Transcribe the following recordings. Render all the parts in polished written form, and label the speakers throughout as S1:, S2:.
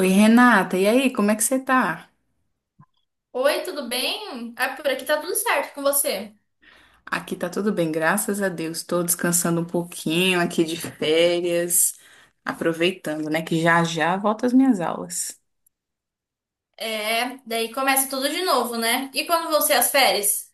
S1: Oi, Renata, e aí, como é que você tá?
S2: Oi, tudo bem? Ah, por aqui tá tudo certo com você.
S1: Aqui tá tudo bem, graças a Deus. Tô descansando um pouquinho aqui de férias, aproveitando, né, que já já volto às minhas aulas.
S2: É, daí começa tudo de novo, né? E quando vão ser as férias?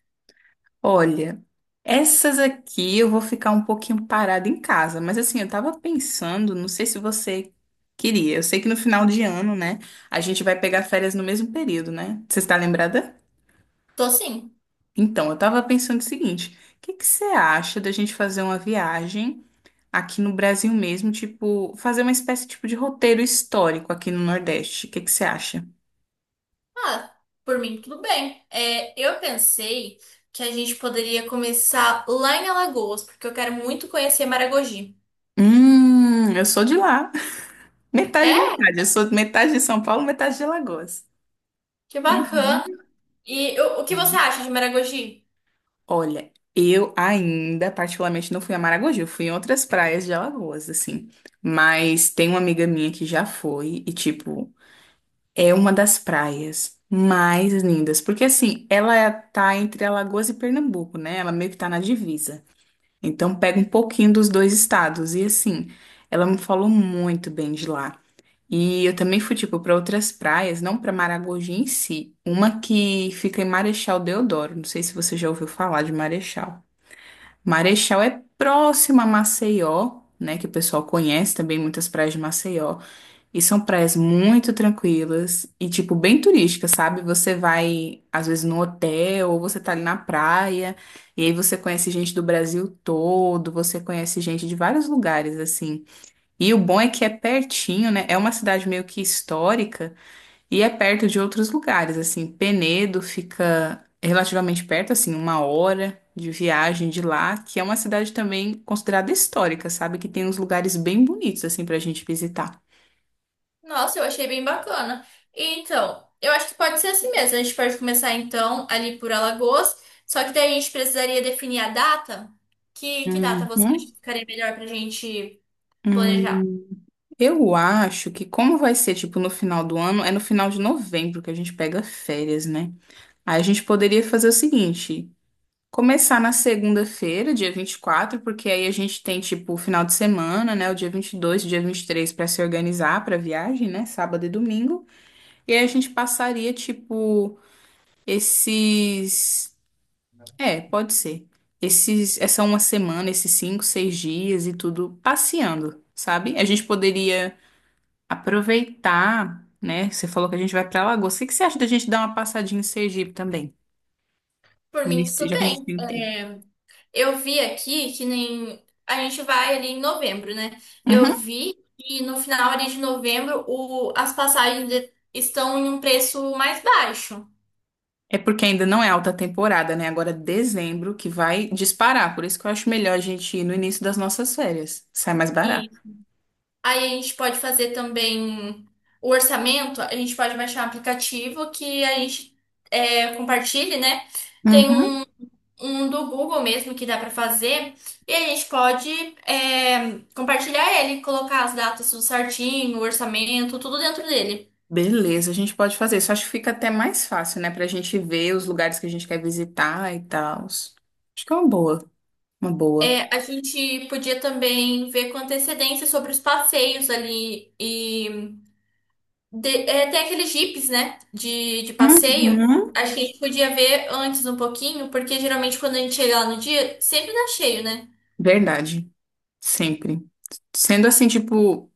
S1: Olha, essas aqui eu vou ficar um pouquinho parada em casa, mas assim, eu tava pensando, não sei se você queria. Eu sei que no final de ano, né, a gente vai pegar férias no mesmo período, né? Você está lembrada?
S2: Tô sim.
S1: Então, eu tava pensando o seguinte: o que que você acha da gente fazer uma viagem aqui no Brasil mesmo, tipo, fazer uma espécie tipo de roteiro histórico aqui no Nordeste? O que que você acha?
S2: Ah, por mim tudo bem. É, eu pensei que a gente poderia começar lá em Alagoas, porque eu quero muito conhecer Maragogi.
S1: Eu sou de lá. Metade,
S2: É?
S1: metade. Eu sou metade de São Paulo, metade de Alagoas.
S2: Que bacana.
S1: Uhum.
S2: E o que você acha de Maragogi?
S1: Olha, eu ainda particularmente não fui a Maragogi, eu fui em outras praias de Alagoas, assim. Mas tem uma amiga minha que já foi e, tipo, é uma das praias mais lindas. Porque, assim, ela tá entre Alagoas e Pernambuco, né? Ela meio que tá na divisa. Então pega um pouquinho dos dois estados. E assim, ela me falou muito bem de lá. E eu também fui, tipo, para outras praias, não para Maragogi em si. Uma que fica em Marechal Deodoro. Não sei se você já ouviu falar de Marechal. Marechal é próximo a Maceió, né? Que o pessoal conhece também muitas praias de Maceió. E são praias muito tranquilas e, tipo, bem turísticas, sabe? Você vai, às vezes, no hotel ou você tá ali na praia e aí você conhece gente do Brasil todo, você conhece gente de vários lugares, assim. E o bom é que é pertinho, né? É uma cidade meio que histórica e é perto de outros lugares, assim. Penedo fica relativamente perto, assim, uma hora de viagem de lá, que é uma cidade também considerada histórica, sabe? Que tem uns lugares bem bonitos, assim, pra gente visitar.
S2: Nossa, eu achei bem bacana. E, então, eu acho que pode ser assim mesmo. A gente pode começar então ali por Alagoas, só que daí a gente precisaria definir a data. Que data
S1: Uhum.
S2: você acha que ficaria melhor pra gente planejar?
S1: Hum, eu acho que como vai ser, tipo, no final do ano, é no final de novembro que a gente pega férias, né? Aí a gente poderia fazer o seguinte, começar na segunda-feira, dia 24, porque aí a gente tem, tipo, o final de semana, né? O dia 22, o dia 23, para se organizar para viagem, né? Sábado e domingo. E aí a gente passaria, tipo, esses... É, pode ser. Essa uma semana, esses cinco, seis dias e tudo passeando, sabe? A gente poderia aproveitar, né? Você falou que a gente vai pra Alagoas. O que que você acha da gente dar uma passadinha em Sergipe também?
S2: Por mim,
S1: Nesse,
S2: tudo
S1: já que a gente
S2: bem.
S1: tem tempo.
S2: É, eu vi aqui que nem a gente vai ali em novembro, né? Eu
S1: Uhum.
S2: vi que no final ali de novembro as passagens de- estão em um preço mais baixo.
S1: É porque ainda não é alta temporada, né? Agora é dezembro que vai disparar. Por isso que eu acho melhor a gente ir no início das nossas férias. Sai mais
S2: E
S1: barato.
S2: aí a gente pode fazer também o orçamento, a gente pode baixar um aplicativo que a gente compartilhe, né? Tem
S1: Uhum.
S2: um do Google mesmo que dá para fazer, e a gente pode compartilhar ele, colocar as datas tudo certinho, o orçamento, tudo dentro dele.
S1: Beleza, a gente pode fazer isso. Acho que fica até mais fácil, né? Pra gente ver os lugares que a gente quer visitar e tal. Acho que é uma boa. Uma boa.
S2: É, a gente podia também ver com antecedência sobre os passeios ali e de- é, tem aqueles jipes, né, de passeio.
S1: Uhum.
S2: Acho que a gente podia ver antes um pouquinho, porque geralmente quando a gente chega lá no dia, sempre dá cheio, né?
S1: Verdade. Sempre. Sendo assim, tipo.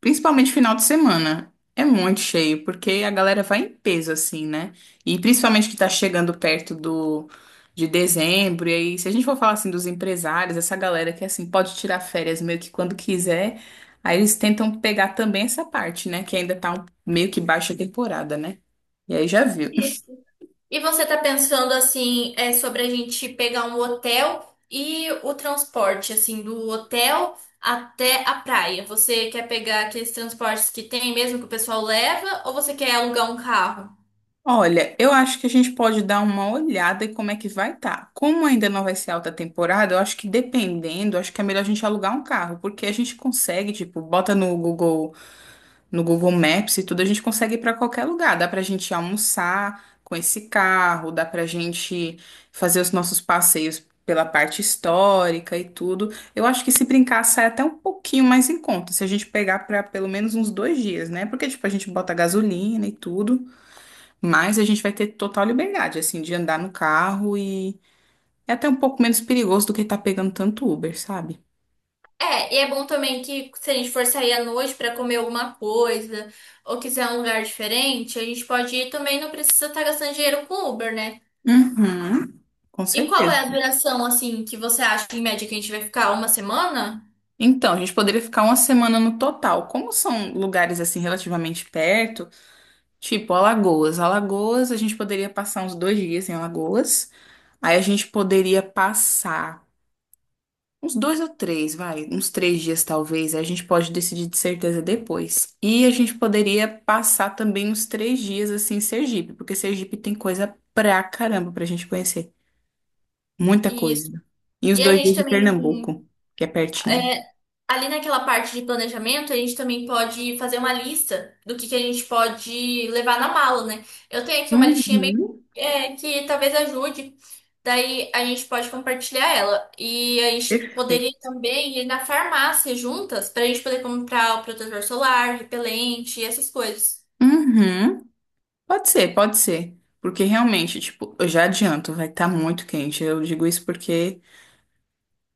S1: Principalmente final de semana. É muito cheio, porque a galera vai em peso, assim, né? E principalmente que tá chegando perto do, de dezembro. E aí, se a gente for falar assim dos empresários, essa galera que assim pode tirar férias meio que quando quiser, aí eles tentam pegar também essa parte, né? Que ainda tá meio que baixa temporada, né? E aí já viu.
S2: E e você tá pensando assim, é, sobre a gente pegar um hotel e o transporte, assim, do hotel até a praia. Você quer pegar aqueles transportes que tem mesmo que o pessoal leva, ou você quer alugar um carro?
S1: Olha, eu acho que a gente pode dar uma olhada em como é que vai estar. Como ainda não vai ser alta temporada, eu acho que dependendo, acho que é melhor a gente alugar um carro, porque a gente consegue, tipo, bota no Google, no Google Maps e tudo, a gente consegue ir para qualquer lugar. Dá pra gente almoçar com esse carro, dá pra gente fazer os nossos passeios pela parte histórica e tudo. Eu acho que se brincar sai até um pouquinho mais em conta, se a gente pegar para pelo menos uns dois dias, né? Porque, tipo, a gente bota gasolina e tudo. Mas a gente vai ter total liberdade, assim, de andar no carro e é até um pouco menos perigoso do que estar pegando tanto Uber, sabe?
S2: É, e é bom também que se a gente for sair à noite pra comer alguma coisa ou quiser um lugar diferente, a gente pode ir também, não precisa estar gastando dinheiro com Uber, né?
S1: Uhum. Com
S2: E qual
S1: certeza.
S2: é a duração, assim, que você acha em média que a gente vai ficar uma semana?
S1: Então, a gente poderia ficar uma semana no total. Como são lugares assim relativamente perto, tipo Alagoas. Alagoas, a gente poderia passar uns dois dias em Alagoas. Aí a gente poderia passar uns dois ou três, vai, uns três dias talvez. A gente pode decidir de certeza depois. E a gente poderia passar também uns três dias assim em Sergipe, porque Sergipe tem coisa pra caramba pra gente conhecer. Muita
S2: Isso.
S1: coisa. E os
S2: E a
S1: dois
S2: gente
S1: dias de
S2: também
S1: Pernambuco, que é pertinho.
S2: é, ali naquela parte de planejamento, a gente também pode fazer uma lista do que a gente pode levar na mala, né? Eu tenho aqui uma listinha bem,
S1: Uhum.
S2: é, que talvez ajude. Daí a gente pode compartilhar ela. E a gente poderia
S1: Perfeito.
S2: também ir na farmácia juntas para a gente poder comprar o protetor solar, repelente, essas coisas.
S1: Uhum. Pode ser, pode ser. Porque realmente, tipo, eu já adianto, vai estar muito quente. Eu digo isso porque.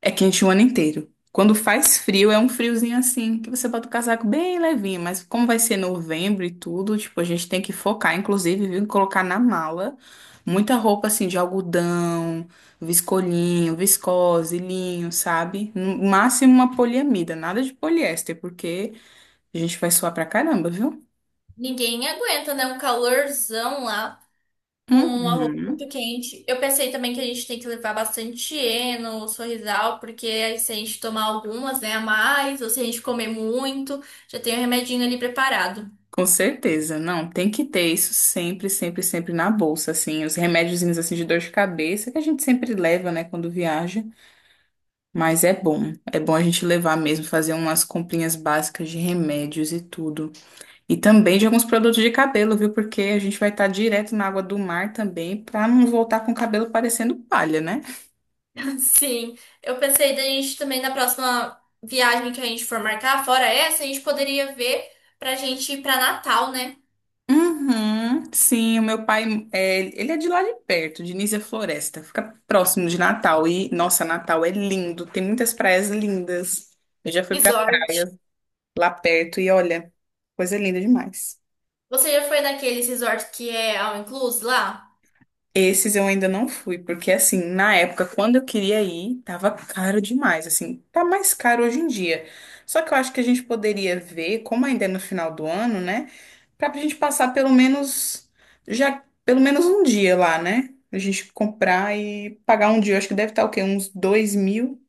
S1: É quente o ano inteiro. Quando faz frio, é um friozinho assim, que você bota o casaco bem levinho, mas como vai ser novembro e tudo, tipo, a gente tem que focar, inclusive, viu, em colocar na mala muita roupa assim de algodão, viscolinho, viscose, linho, sabe? No máximo uma poliamida, nada de poliéster, porque a gente vai suar pra caramba, viu?
S2: Ninguém aguenta, né? Um calorzão lá com uma roupa muito
S1: Uhum.
S2: quente. Eu pensei também que a gente tem que levar bastante Eno, Sorrisal, porque aí se a gente tomar algumas, né, a mais, ou se a gente comer muito, já tem o remedinho ali preparado.
S1: Com certeza, não, tem que ter isso sempre, sempre, sempre na bolsa, assim, os remédiozinhos assim de dor de cabeça que a gente sempre leva, né, quando viaja, mas é bom a gente levar mesmo, fazer umas comprinhas básicas de remédios e tudo. E também de alguns produtos de cabelo, viu? Porque a gente vai estar direto na água do mar também, pra não voltar com o cabelo parecendo palha, né?
S2: Sim, eu pensei da gente também na próxima viagem que a gente for marcar, fora essa, a gente poderia ver pra gente ir pra Natal, né?
S1: Uhum, sim, o meu pai, é, ele é de lá de perto, de Nísia Floresta, fica próximo de Natal. E, nossa, Natal é lindo, tem muitas praias lindas. Eu já fui pra
S2: Resort.
S1: praia lá perto e olha, coisa linda demais.
S2: Você já foi naqueles resort que é all inclusive lá?
S1: Esses eu ainda não fui, porque assim, na época, quando eu queria ir, tava caro demais, assim, tá mais caro hoje em dia. Só que eu acho que a gente poderia ver, como ainda é no final do ano, né? Pra gente passar pelo menos já pelo menos um dia lá, né? A gente comprar e pagar um dia. Eu acho que deve estar o quê? Uns dois mil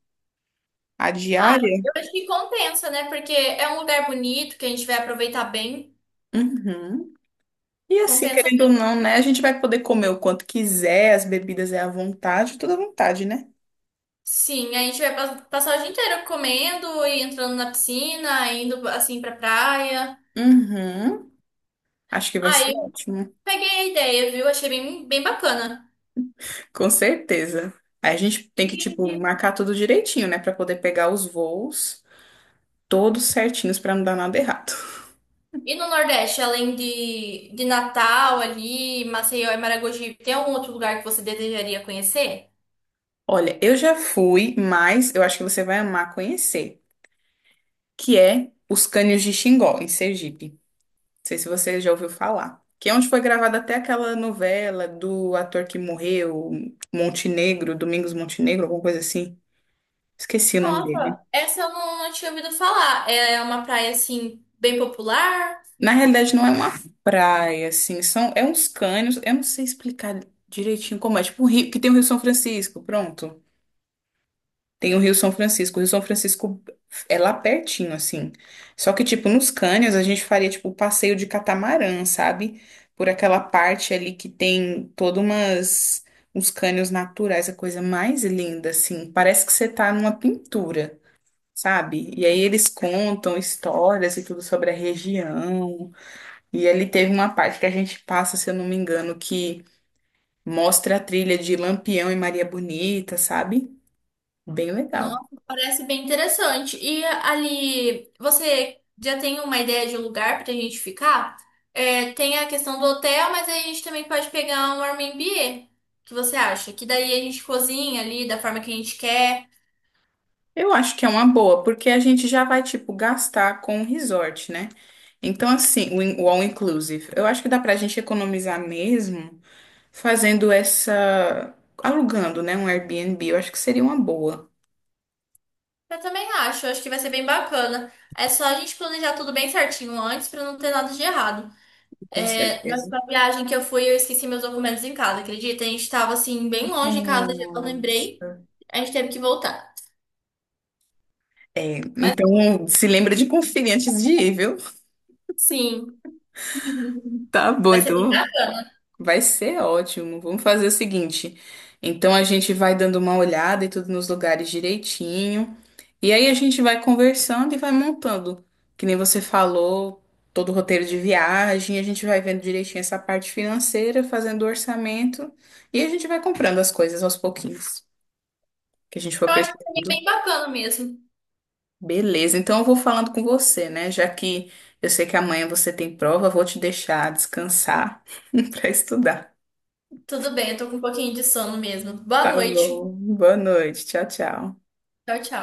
S1: a
S2: Ah,
S1: diária?
S2: eu acho que compensa, né? Porque é um lugar bonito que a gente vai aproveitar bem.
S1: Uhum. E assim,
S2: Compensa.
S1: querendo ou não, né? A gente vai poder comer o quanto quiser, as bebidas é à vontade, tudo à vontade, né?
S2: Sim, a gente vai passar o dia inteiro comendo e entrando na piscina, indo assim pra praia.
S1: Uhum. Acho que vai
S2: Aí
S1: ser ótimo.
S2: peguei a ideia, viu? Achei bem bacana.
S1: Com certeza. Aí a gente tem que, tipo,
S2: E,
S1: marcar tudo direitinho, né? Pra poder pegar os voos todos certinhos pra não dar nada errado.
S2: e no Nordeste, além de Natal ali, Maceió e Maragogi, tem algum outro lugar que você desejaria conhecer?
S1: Olha, eu já fui, mas eu acho que você vai amar conhecer, que é os Cânions de Xingó, em Sergipe. Não sei se você já ouviu falar. Que é onde foi gravada até aquela novela do ator que morreu, Montenegro, Domingos Montenegro, alguma coisa assim. Esqueci o nome
S2: Nossa,
S1: dele.
S2: essa eu não tinha ouvido falar. É uma praia assim, bem popular.
S1: Na realidade, não é uma praia, assim, são, é uns cânions, eu não sei explicar direitinho como é, tipo um rio, que tem o Rio São Francisco, pronto. Tem o Rio São Francisco. O Rio São Francisco é lá pertinho, assim. Só que, tipo, nos cânions a gente faria, tipo, o passeio de catamarã, sabe? Por aquela parte ali que tem todas umas... uns cânions naturais, a coisa mais linda, assim. Parece que você tá numa pintura, sabe? E aí eles contam histórias e tudo sobre a região. E ali teve uma parte que a gente passa, se eu não me engano, que mostra a trilha de Lampião e Maria Bonita, sabe? Bem legal.
S2: Nossa, parece bem interessante. E ali, você já tem uma ideia de um lugar pra gente ficar? É, tem a questão do hotel, mas aí a gente também pode pegar um Airbnb. O que você acha? Que daí a gente cozinha ali da forma que a gente quer.
S1: Eu acho que é uma boa, porque a gente já vai, tipo, gastar com o resort, né? Então, assim, o all inclusive. Eu acho que dá pra gente economizar mesmo fazendo essa, alugando, né? Um Airbnb. Eu acho que seria uma boa,
S2: Eu também acho, acho que vai ser bem bacana. É só a gente planejar tudo bem certinho antes pra não ter nada de errado.
S1: com
S2: É, na
S1: certeza.
S2: última viagem que eu fui, eu esqueci meus documentos em casa, acredita? A gente tava assim, bem longe de casa, já não lembrei.
S1: Nossa.
S2: A gente teve que voltar.
S1: É,
S2: Mas
S1: então, se lembra de conferir antes de ir, viu?
S2: sim.
S1: Tá bom,
S2: Vai ser bem
S1: então.
S2: bacana.
S1: Vai ser ótimo. Vamos fazer o seguinte. Então a gente vai dando uma olhada e tudo nos lugares direitinho. E aí a gente vai conversando e vai montando. Que nem você falou, todo o roteiro de viagem, a gente vai vendo direitinho essa parte financeira, fazendo o orçamento e a gente vai comprando as coisas aos pouquinhos que a gente
S2: Eu
S1: for
S2: acho que vai ser
S1: precisando.
S2: bem bacana mesmo.
S1: Beleza. Então eu vou falando com você, né? Já que eu sei que amanhã você tem prova, eu vou te deixar descansar para estudar.
S2: Tudo bem, eu tô com um pouquinho de sono mesmo.
S1: Tá
S2: Boa noite.
S1: bom. Boa noite. Tchau, tchau.
S2: Tchau, tchau.